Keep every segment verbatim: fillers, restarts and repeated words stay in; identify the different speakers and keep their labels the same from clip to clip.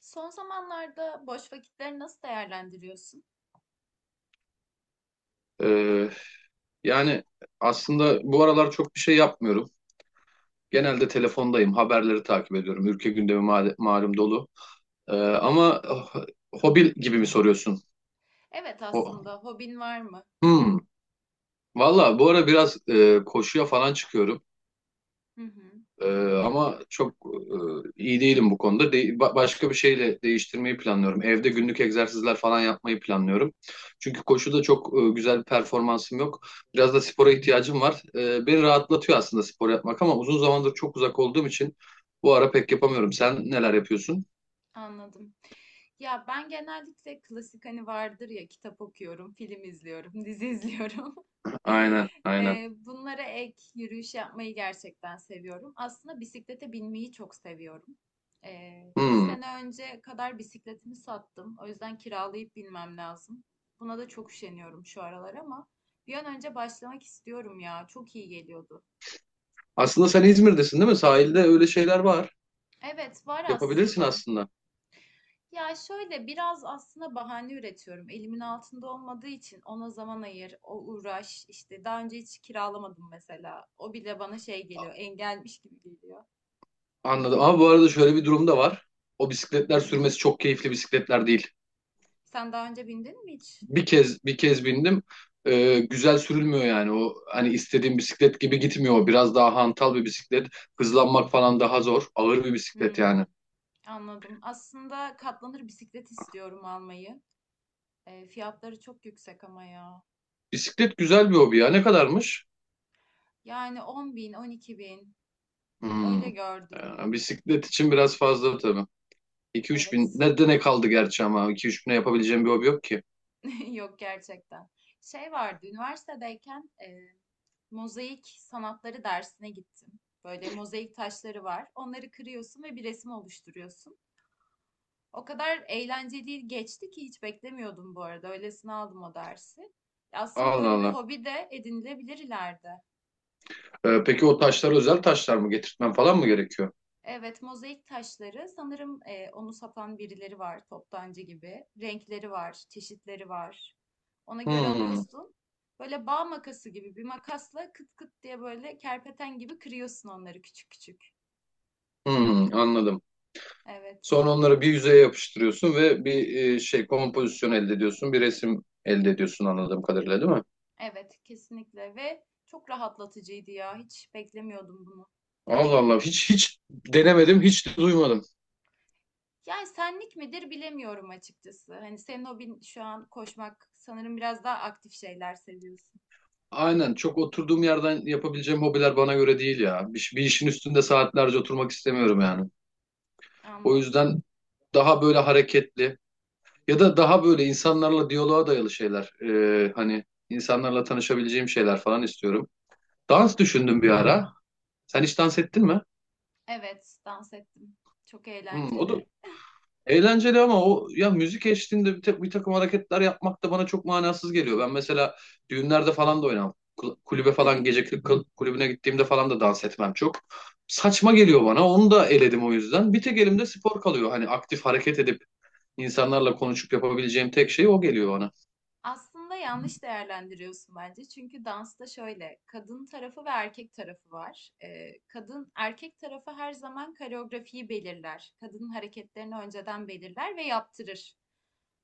Speaker 1: Son zamanlarda boş vakitleri nasıl değerlendiriyorsun?
Speaker 2: Ee, Yani aslında bu aralar çok bir şey yapmıyorum. Genelde telefondayım, haberleri takip ediyorum. Ülke gündemi ma- malum dolu. Ee, ama oh, hobi gibi mi soruyorsun?
Speaker 1: Evet,
Speaker 2: O,
Speaker 1: aslında hobin var mı?
Speaker 2: hmm. Valla bu ara biraz e, koşuya falan çıkıyorum.
Speaker 1: Hı hı,
Speaker 2: Ee, ama çok e, iyi değilim bu konuda. De- ba- başka bir şeyle değiştirmeyi planlıyorum. Evde günlük egzersizler falan yapmayı planlıyorum. Çünkü koşuda çok e, güzel bir performansım yok. Biraz da spora ihtiyacım var. Ee, beni rahatlatıyor aslında spor yapmak, ama uzun zamandır çok uzak olduğum için bu ara pek yapamıyorum. Sen neler yapıyorsun?
Speaker 1: anladım. Ya ben genellikle klasik hani vardır ya kitap okuyorum, film izliyorum, dizi izliyorum.
Speaker 2: Aynen, aynen.
Speaker 1: Eee, bunlara ek yürüyüş yapmayı gerçekten seviyorum. Aslında bisiklete binmeyi çok seviyorum. Eee iki
Speaker 2: Hmm.
Speaker 1: sene önce kadar bisikletimi sattım. O yüzden kiralayıp binmem lazım. Buna da çok üşeniyorum şu aralar ama bir an önce başlamak istiyorum ya. Çok iyi geliyordu.
Speaker 2: Aslında sen İzmir'desin, değil mi? Sahilde öyle şeyler var.
Speaker 1: Evet, var
Speaker 2: Yapabilirsin
Speaker 1: aslında.
Speaker 2: aslında.
Speaker 1: Ya şöyle biraz aslında bahane üretiyorum. Elimin altında olmadığı için ona zaman ayır, o uğraş. İşte daha önce hiç kiralamadım mesela. O bile bana şey geliyor, engelmiş gibi geliyor.
Speaker 2: Anladım. Ama bu arada şöyle bir durum da var. O bisikletler sürmesi çok keyifli bisikletler değil.
Speaker 1: Sen daha önce bindin mi hiç?
Speaker 2: bir kez bir kez bindim. Ee, güzel sürülmüyor yani, o hani istediğim bisiklet gibi gitmiyor. O biraz daha hantal bir bisiklet. Hızlanmak falan daha zor. Ağır bir bisiklet
Speaker 1: Hmm,
Speaker 2: yani.
Speaker 1: anladım. Aslında katlanır bisiklet istiyorum almayı. E, fiyatları çok yüksek ama ya.
Speaker 2: Bisiklet güzel bir hobi ya. Ne kadarmış?
Speaker 1: Yani on bin, on iki bin
Speaker 2: Hmm.
Speaker 1: öyle gördüm.
Speaker 2: Ee, bisiklet için biraz fazla tabii. iki üç bin.
Speaker 1: Evet.
Speaker 2: Ne de ne kaldı gerçi ama. İki üç bine yapabileceğim bir hobi yok ki.
Speaker 1: Yok gerçekten. Şey vardı, üniversitedeyken e, mozaik sanatları dersine gittim. Böyle mozaik taşları var. Onları kırıyorsun ve bir resim oluşturuyorsun. O kadar eğlenceli geçti ki hiç beklemiyordum bu arada. Öylesine aldım o dersi. Aslında
Speaker 2: Allah
Speaker 1: böyle bir
Speaker 2: Allah.
Speaker 1: hobi de edinilebilir ileride.
Speaker 2: Ee, peki o taşlar özel taşlar mı? Getirtmem falan mı gerekiyor?
Speaker 1: Evet, mozaik taşları. Sanırım e, onu satan birileri var, toptancı gibi. Renkleri var, çeşitleri var. Ona göre
Speaker 2: Hmm.
Speaker 1: alıyorsun. Böyle bağ makası gibi bir makasla kıt kıt diye böyle kerpeten gibi kırıyorsun onları küçük küçük.
Speaker 2: Hmm. Anladım.
Speaker 1: Evet,
Speaker 2: Sonra onları bir yüzeye yapıştırıyorsun ve bir e, şey kompozisyon elde ediyorsun. Bir resim elde ediyorsun anladığım kadarıyla, değil mi?
Speaker 1: evet kesinlikle ve çok rahatlatıcıydı ya. Hiç beklemiyordum bunu.
Speaker 2: Allah Allah, hiç hiç denemedim, hiç de duymadım.
Speaker 1: Yani senlik midir bilemiyorum açıkçası. Hani senin hobin şu an koşmak. Sanırım biraz daha aktif şeyler seviyorsun.
Speaker 2: Aynen, çok oturduğum yerden yapabileceğim hobiler bana göre değil ya. Bir, bir işin üstünde saatlerce oturmak istemiyorum yani. O
Speaker 1: Anladım.
Speaker 2: yüzden daha böyle hareketli ya da daha böyle insanlarla diyaloğa dayalı şeyler. e, hani insanlarla tanışabileceğim şeyler falan istiyorum. Dans düşündüm bir ara. Sen hiç dans ettin mi?
Speaker 1: Evet, dans ettim. Çok
Speaker 2: Hmm, o da
Speaker 1: eğlenceli.
Speaker 2: eğlenceli, ama o ya müzik eşliğinde bir, ta- bir takım hareketler yapmak da bana çok manasız geliyor. Ben mesela düğünlerde falan da oynamam. Kul- Kulübe falan, gece kul- kul- kulübüne gittiğimde falan da dans etmem çok. Saçma geliyor bana. Onu da eledim o yüzden. Bir tek elimde spor kalıyor. Hani aktif hareket edip insanlarla konuşup yapabileceğim tek şey o geliyor bana.
Speaker 1: Aslında yanlış değerlendiriyorsun bence. Çünkü dansta şöyle, kadın tarafı ve erkek tarafı var. Ee, kadın, erkek tarafı her zaman koreografiyi belirler. Kadının hareketlerini önceden belirler ve yaptırır.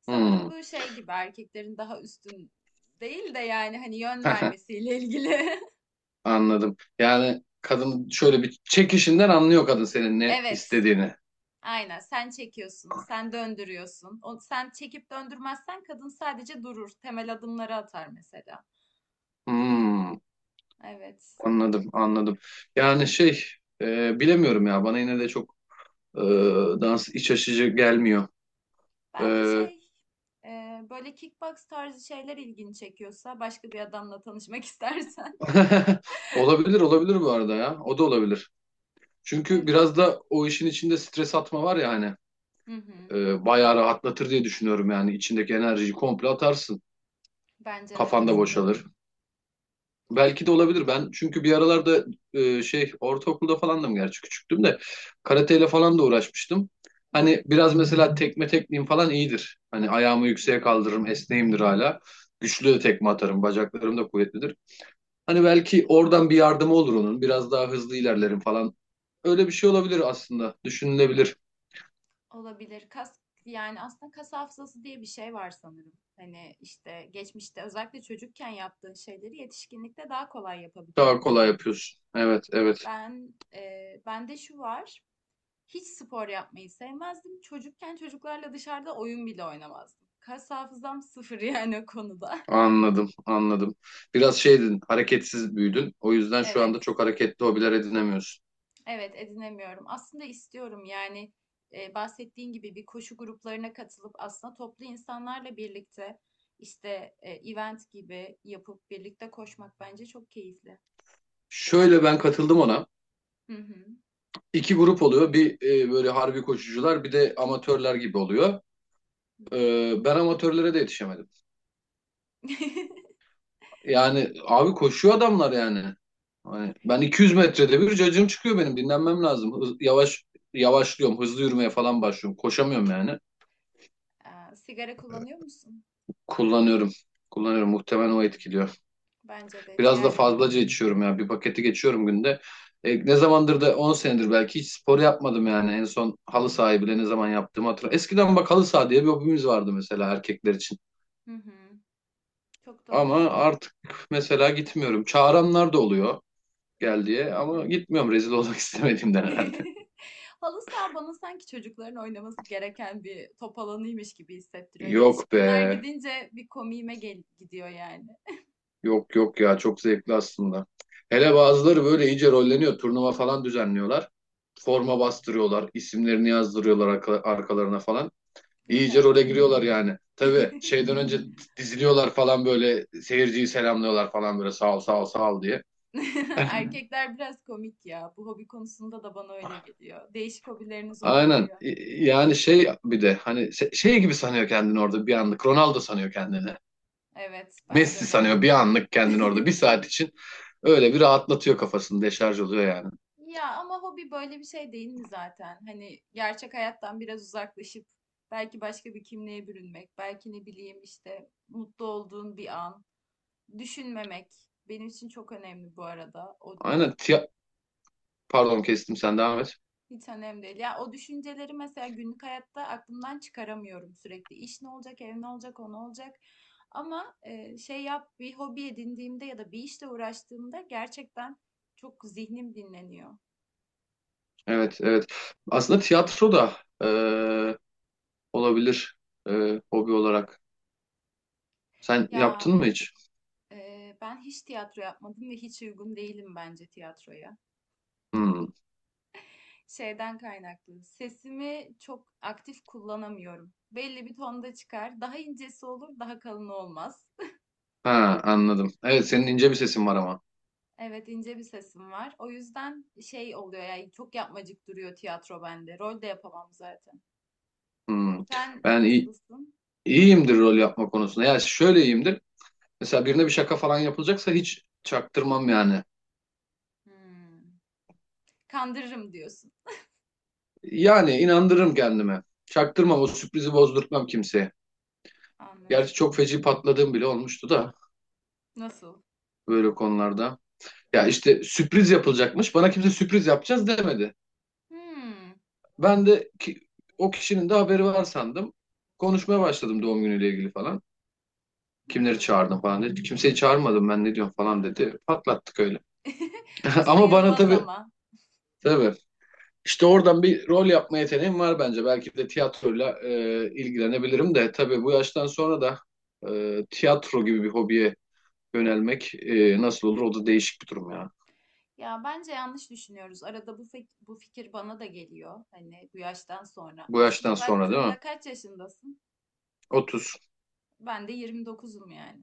Speaker 1: Sanırım
Speaker 2: Hmm.
Speaker 1: bu şey gibi erkeklerin daha üstün değil de yani hani yön vermesiyle ilgili.
Speaker 2: Anladım. Yani kadın şöyle bir çekişinden anlıyor kadın senin ne
Speaker 1: Evet.
Speaker 2: istediğini.
Speaker 1: Aynen sen çekiyorsun, sen döndürüyorsun. O, sen çekip döndürmezsen kadın sadece durur. Temel adımları atar mesela.
Speaker 2: Hmm.
Speaker 1: Evet.
Speaker 2: Anladım, anladım. Yani şey, e, bilemiyorum ya. Bana yine de çok Ee, dans iç açıcı gelmiyor.
Speaker 1: Belki
Speaker 2: Ee,
Speaker 1: şey e, böyle kickbox tarzı şeyler ilgini çekiyorsa başka bir adamla tanışmak istersen.
Speaker 2: Olabilir olabilir bu arada ya. O da olabilir. Çünkü
Speaker 1: Evet.
Speaker 2: biraz da o işin içinde stres atma var ya hani.
Speaker 1: Hı hı.
Speaker 2: e, bayağı rahatlatır diye düşünüyorum yani. İçindeki enerjiyi komple atarsın.
Speaker 1: Bence de
Speaker 2: Kafanda
Speaker 1: katılıyorum.
Speaker 2: boşalır. Belki
Speaker 1: Kesin.
Speaker 2: de olabilir. Ben çünkü bir aralarda e, şey ortaokulda falandım, gerçi küçüktüm de karateyle falan da uğraşmıştım.
Speaker 1: Hı hı.
Speaker 2: Hani biraz mesela tekme tekniğim falan iyidir. Hani ayağımı yükseğe kaldırırım,
Speaker 1: Hmm.
Speaker 2: esneğimdir hala. Güçlü de tekme atarım, bacaklarım da kuvvetlidir. Hani belki oradan bir yardımı olur onun. Biraz daha hızlı ilerlerim falan. Öyle bir şey olabilir aslında. Düşünülebilir.
Speaker 1: Olabilir. Kas yani aslında kas hafızası diye bir şey var sanırım. Hani işte geçmişte özellikle çocukken yaptığın şeyleri yetişkinlikte daha kolay
Speaker 2: Daha kolay
Speaker 1: yapabiliyormuşsun.
Speaker 2: yapıyorsun. Evet, evet.
Speaker 1: Ben eee, bende şu var. Hiç spor yapmayı sevmezdim. Çocukken çocuklarla dışarıda oyun bile oynamazdım. Kas hafızam sıfır yani o konuda.
Speaker 2: Anladım, anladım. Biraz şeydin, hareketsiz büyüdün. O yüzden şu anda
Speaker 1: Evet.
Speaker 2: çok hareketli hobiler edinemiyorsun.
Speaker 1: Evet edinemiyorum. Aslında istiyorum yani e, bahsettiğin gibi bir koşu gruplarına katılıp aslında toplu insanlarla birlikte işte e, event gibi yapıp birlikte koşmak bence çok keyifli.
Speaker 2: Şöyle ben katıldım ona.
Speaker 1: Hı hı.
Speaker 2: İki grup oluyor. Bir e, böyle harbi koşucular, bir de amatörler gibi oluyor.
Speaker 1: Hı hı.
Speaker 2: E, ben amatörlere de yetişemedim. Yani abi koşuyor adamlar yani. Hani ben iki yüz metrede bir cacığım çıkıyor benim. Dinlenmem lazım. Hız- yavaş yavaşlıyorum. Hızlı yürümeye falan başlıyorum. Koşamıyorum yani.
Speaker 1: Aa, sigara kullanıyor musun?
Speaker 2: Kullanıyorum. Kullanıyorum. Muhtemelen o
Speaker 1: Hmm,
Speaker 2: etkiliyor.
Speaker 1: bence de
Speaker 2: Biraz da
Speaker 1: ciğerlerin.
Speaker 2: fazlaca içiyorum ya. Bir paketi geçiyorum günde. E, ne zamandır da on senedir belki hiç spor yapmadım yani. En son halı sahayı bile ne zaman yaptığımı hatırlamıyorum. Eskiden bak, halı saha diye bir hobimiz vardı mesela erkekler için.
Speaker 1: Hı hı. Çok doğru
Speaker 2: Ama
Speaker 1: ama
Speaker 2: artık mesela gitmiyorum. Çağıranlar da oluyor,
Speaker 1: hı
Speaker 2: gel
Speaker 1: hı.
Speaker 2: diye, ama gitmiyorum, rezil olmak istemediğimden herhalde.
Speaker 1: Halı saha bana sanki çocukların oynaması gereken bir top alanıymış gibi hissettiriyor.
Speaker 2: Yok
Speaker 1: Yetişkinler
Speaker 2: be.
Speaker 1: gidince bir komiğime gel gidiyor yani.
Speaker 2: Yok yok ya, çok zevkli aslında. Hele bazıları böyle iyice rolleniyor. Turnuva falan düzenliyorlar. Forma bastırıyorlar. İsimlerini yazdırıyorlar arka- arkalarına falan.
Speaker 1: Yok
Speaker 2: İyice role
Speaker 1: artık.
Speaker 2: giriyorlar yani. Tabii şeyden önce diziliyorlar falan, böyle seyirciyi selamlıyorlar falan, böyle sağ ol sağ ol sağ ol diye.
Speaker 1: Erkekler biraz komik ya. Bu hobi konusunda da bana öyle geliyor. Değişik hobileriniz
Speaker 2: Aynen.
Speaker 1: olabiliyor.
Speaker 2: Y- Yani şey bir de hani se- şey gibi sanıyor kendini orada bir anlık. Ronaldo sanıyor kendini.
Speaker 1: Evet,
Speaker 2: Messi
Speaker 1: bence de.
Speaker 2: sanıyor bir anlık kendini orada, bir saat için öyle bir rahatlatıyor kafasını, deşarj oluyor yani.
Speaker 1: Ya ama hobi böyle bir şey değil mi zaten? Hani gerçek hayattan biraz uzaklaşıp belki başka bir kimliğe bürünmek, belki ne bileyim işte mutlu olduğun bir an, düşünmemek benim için çok önemli bu arada. O
Speaker 2: Aynen, tiya- pardon, kestim, sen devam
Speaker 1: ha,
Speaker 2: et.
Speaker 1: hiç önemli değil. Ya o düşünceleri mesela günlük hayatta aklımdan çıkaramıyorum sürekli. İş ne olacak, ev ne olacak, o ne olacak? Ama e, şey yap bir hobi edindiğimde ya da bir işle uğraştığımda gerçekten çok zihnim dinleniyor.
Speaker 2: Evet, evet, aslında tiyatro da e, olabilir e, hobi olarak. Sen
Speaker 1: Ya
Speaker 2: yaptın mı hiç?
Speaker 1: Ee, ben hiç tiyatro yapmadım ve hiç uygun değilim bence tiyatroya.
Speaker 2: Hmm.
Speaker 1: Şeyden kaynaklı. Sesimi çok aktif kullanamıyorum. Belli bir tonda çıkar. Daha incesi olur, daha kalını olmaz.
Speaker 2: Ha, anladım. Evet, senin ince bir sesin var ama.
Speaker 1: Evet, ince bir sesim var. O yüzden şey oluyor yani çok yapmacık duruyor tiyatro bende. Rol de yapamam zaten.
Speaker 2: Hmm.
Speaker 1: Sen
Speaker 2: Ben iyi,
Speaker 1: nasılsın?
Speaker 2: iyiyimdir rol yapma konusunda. Ya şöyle iyiyimdir. Mesela birine bir şaka falan yapılacaksa hiç çaktırmam yani.
Speaker 1: Hmm. Kandırırım diyorsun.
Speaker 2: Yani inandırırım kendime. Çaktırmam, o sürprizi bozdurtmam kimseye. Gerçi
Speaker 1: Anladım.
Speaker 2: çok feci patladığım bile olmuştu da
Speaker 1: Nasıl?
Speaker 2: böyle konularda. Ya işte sürpriz yapılacakmış. Bana kimse sürpriz yapacağız demedi.
Speaker 1: Hmm.
Speaker 2: Ben de ki, o kişinin de haberi var sandım. Konuşmaya başladım doğum günüyle ilgili falan. Kimleri
Speaker 1: Hmm.
Speaker 2: çağırdım falan dedi. Kimseyi çağırmadım, ben ne diyorum falan dedi. Patlattık öyle.
Speaker 1: Bu
Speaker 2: Ama bana
Speaker 1: sayılmaz
Speaker 2: tabii,
Speaker 1: ama.
Speaker 2: tabii işte oradan bir rol yapma yeteneğim var bence. Belki de tiyatroyla e, ilgilenebilirim de, tabii bu yaştan sonra da e, tiyatro gibi bir hobiye yönelmek e, nasıl olur, o da değişik bir durum ya.
Speaker 1: Ya bence yanlış düşünüyoruz. Arada bu fik- bu fikir bana da geliyor. Hani bu yaştan sonra.
Speaker 2: Bu yaştan
Speaker 1: Aslına
Speaker 2: sonra değil mi?
Speaker 1: baktığında kaç yaşındasın?
Speaker 2: Otuz.
Speaker 1: Ben de yirmi dokuzum yani.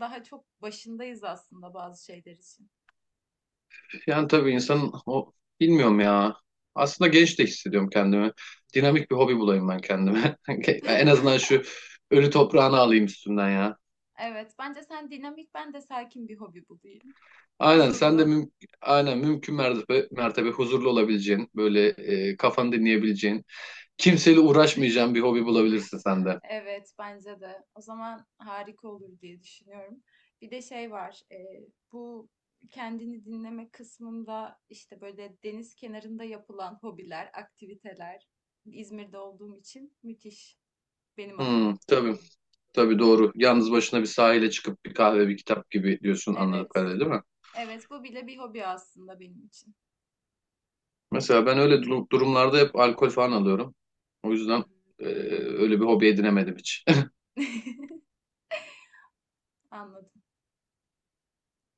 Speaker 1: Daha çok başındayız aslında bazı şeyler için.
Speaker 2: Yani tabii insanın o, bilmiyorum ya. Aslında genç de hissediyorum kendimi. Dinamik bir hobi bulayım ben kendime. En azından şu ölü toprağını alayım üstünden ya.
Speaker 1: Evet, bence sen dinamik, ben de sakin bir hobi bulayım.
Speaker 2: Aynen, sen de
Speaker 1: Huzurlu.
Speaker 2: müm aynen mümkün mertebe, mertebe huzurlu olabileceğin, böyle e, kafanı dinleyebileceğin, kimseyle uğraşmayacağın bir hobi bulabilirsin sen de.
Speaker 1: Evet, bence de. O zaman harika olur diye düşünüyorum. Bir de şey var, e, bu kendini dinleme kısmında işte böyle deniz kenarında yapılan hobiler, aktiviteler İzmir'de olduğum için müthiş benim adıma.
Speaker 2: Hmm, tabii, tabii doğru. Yalnız başına bir sahile çıkıp bir kahve, bir kitap gibi diyorsun anladık
Speaker 1: Evet,
Speaker 2: kadarıyla, değil mi?
Speaker 1: evet bu bile bir hobi aslında benim için.
Speaker 2: Mesela ben öyle durum- durumlarda hep alkol falan alıyorum. O
Speaker 1: Hı
Speaker 2: yüzden
Speaker 1: hı.
Speaker 2: e, öyle bir hobi edinemedim hiç.
Speaker 1: Anladım.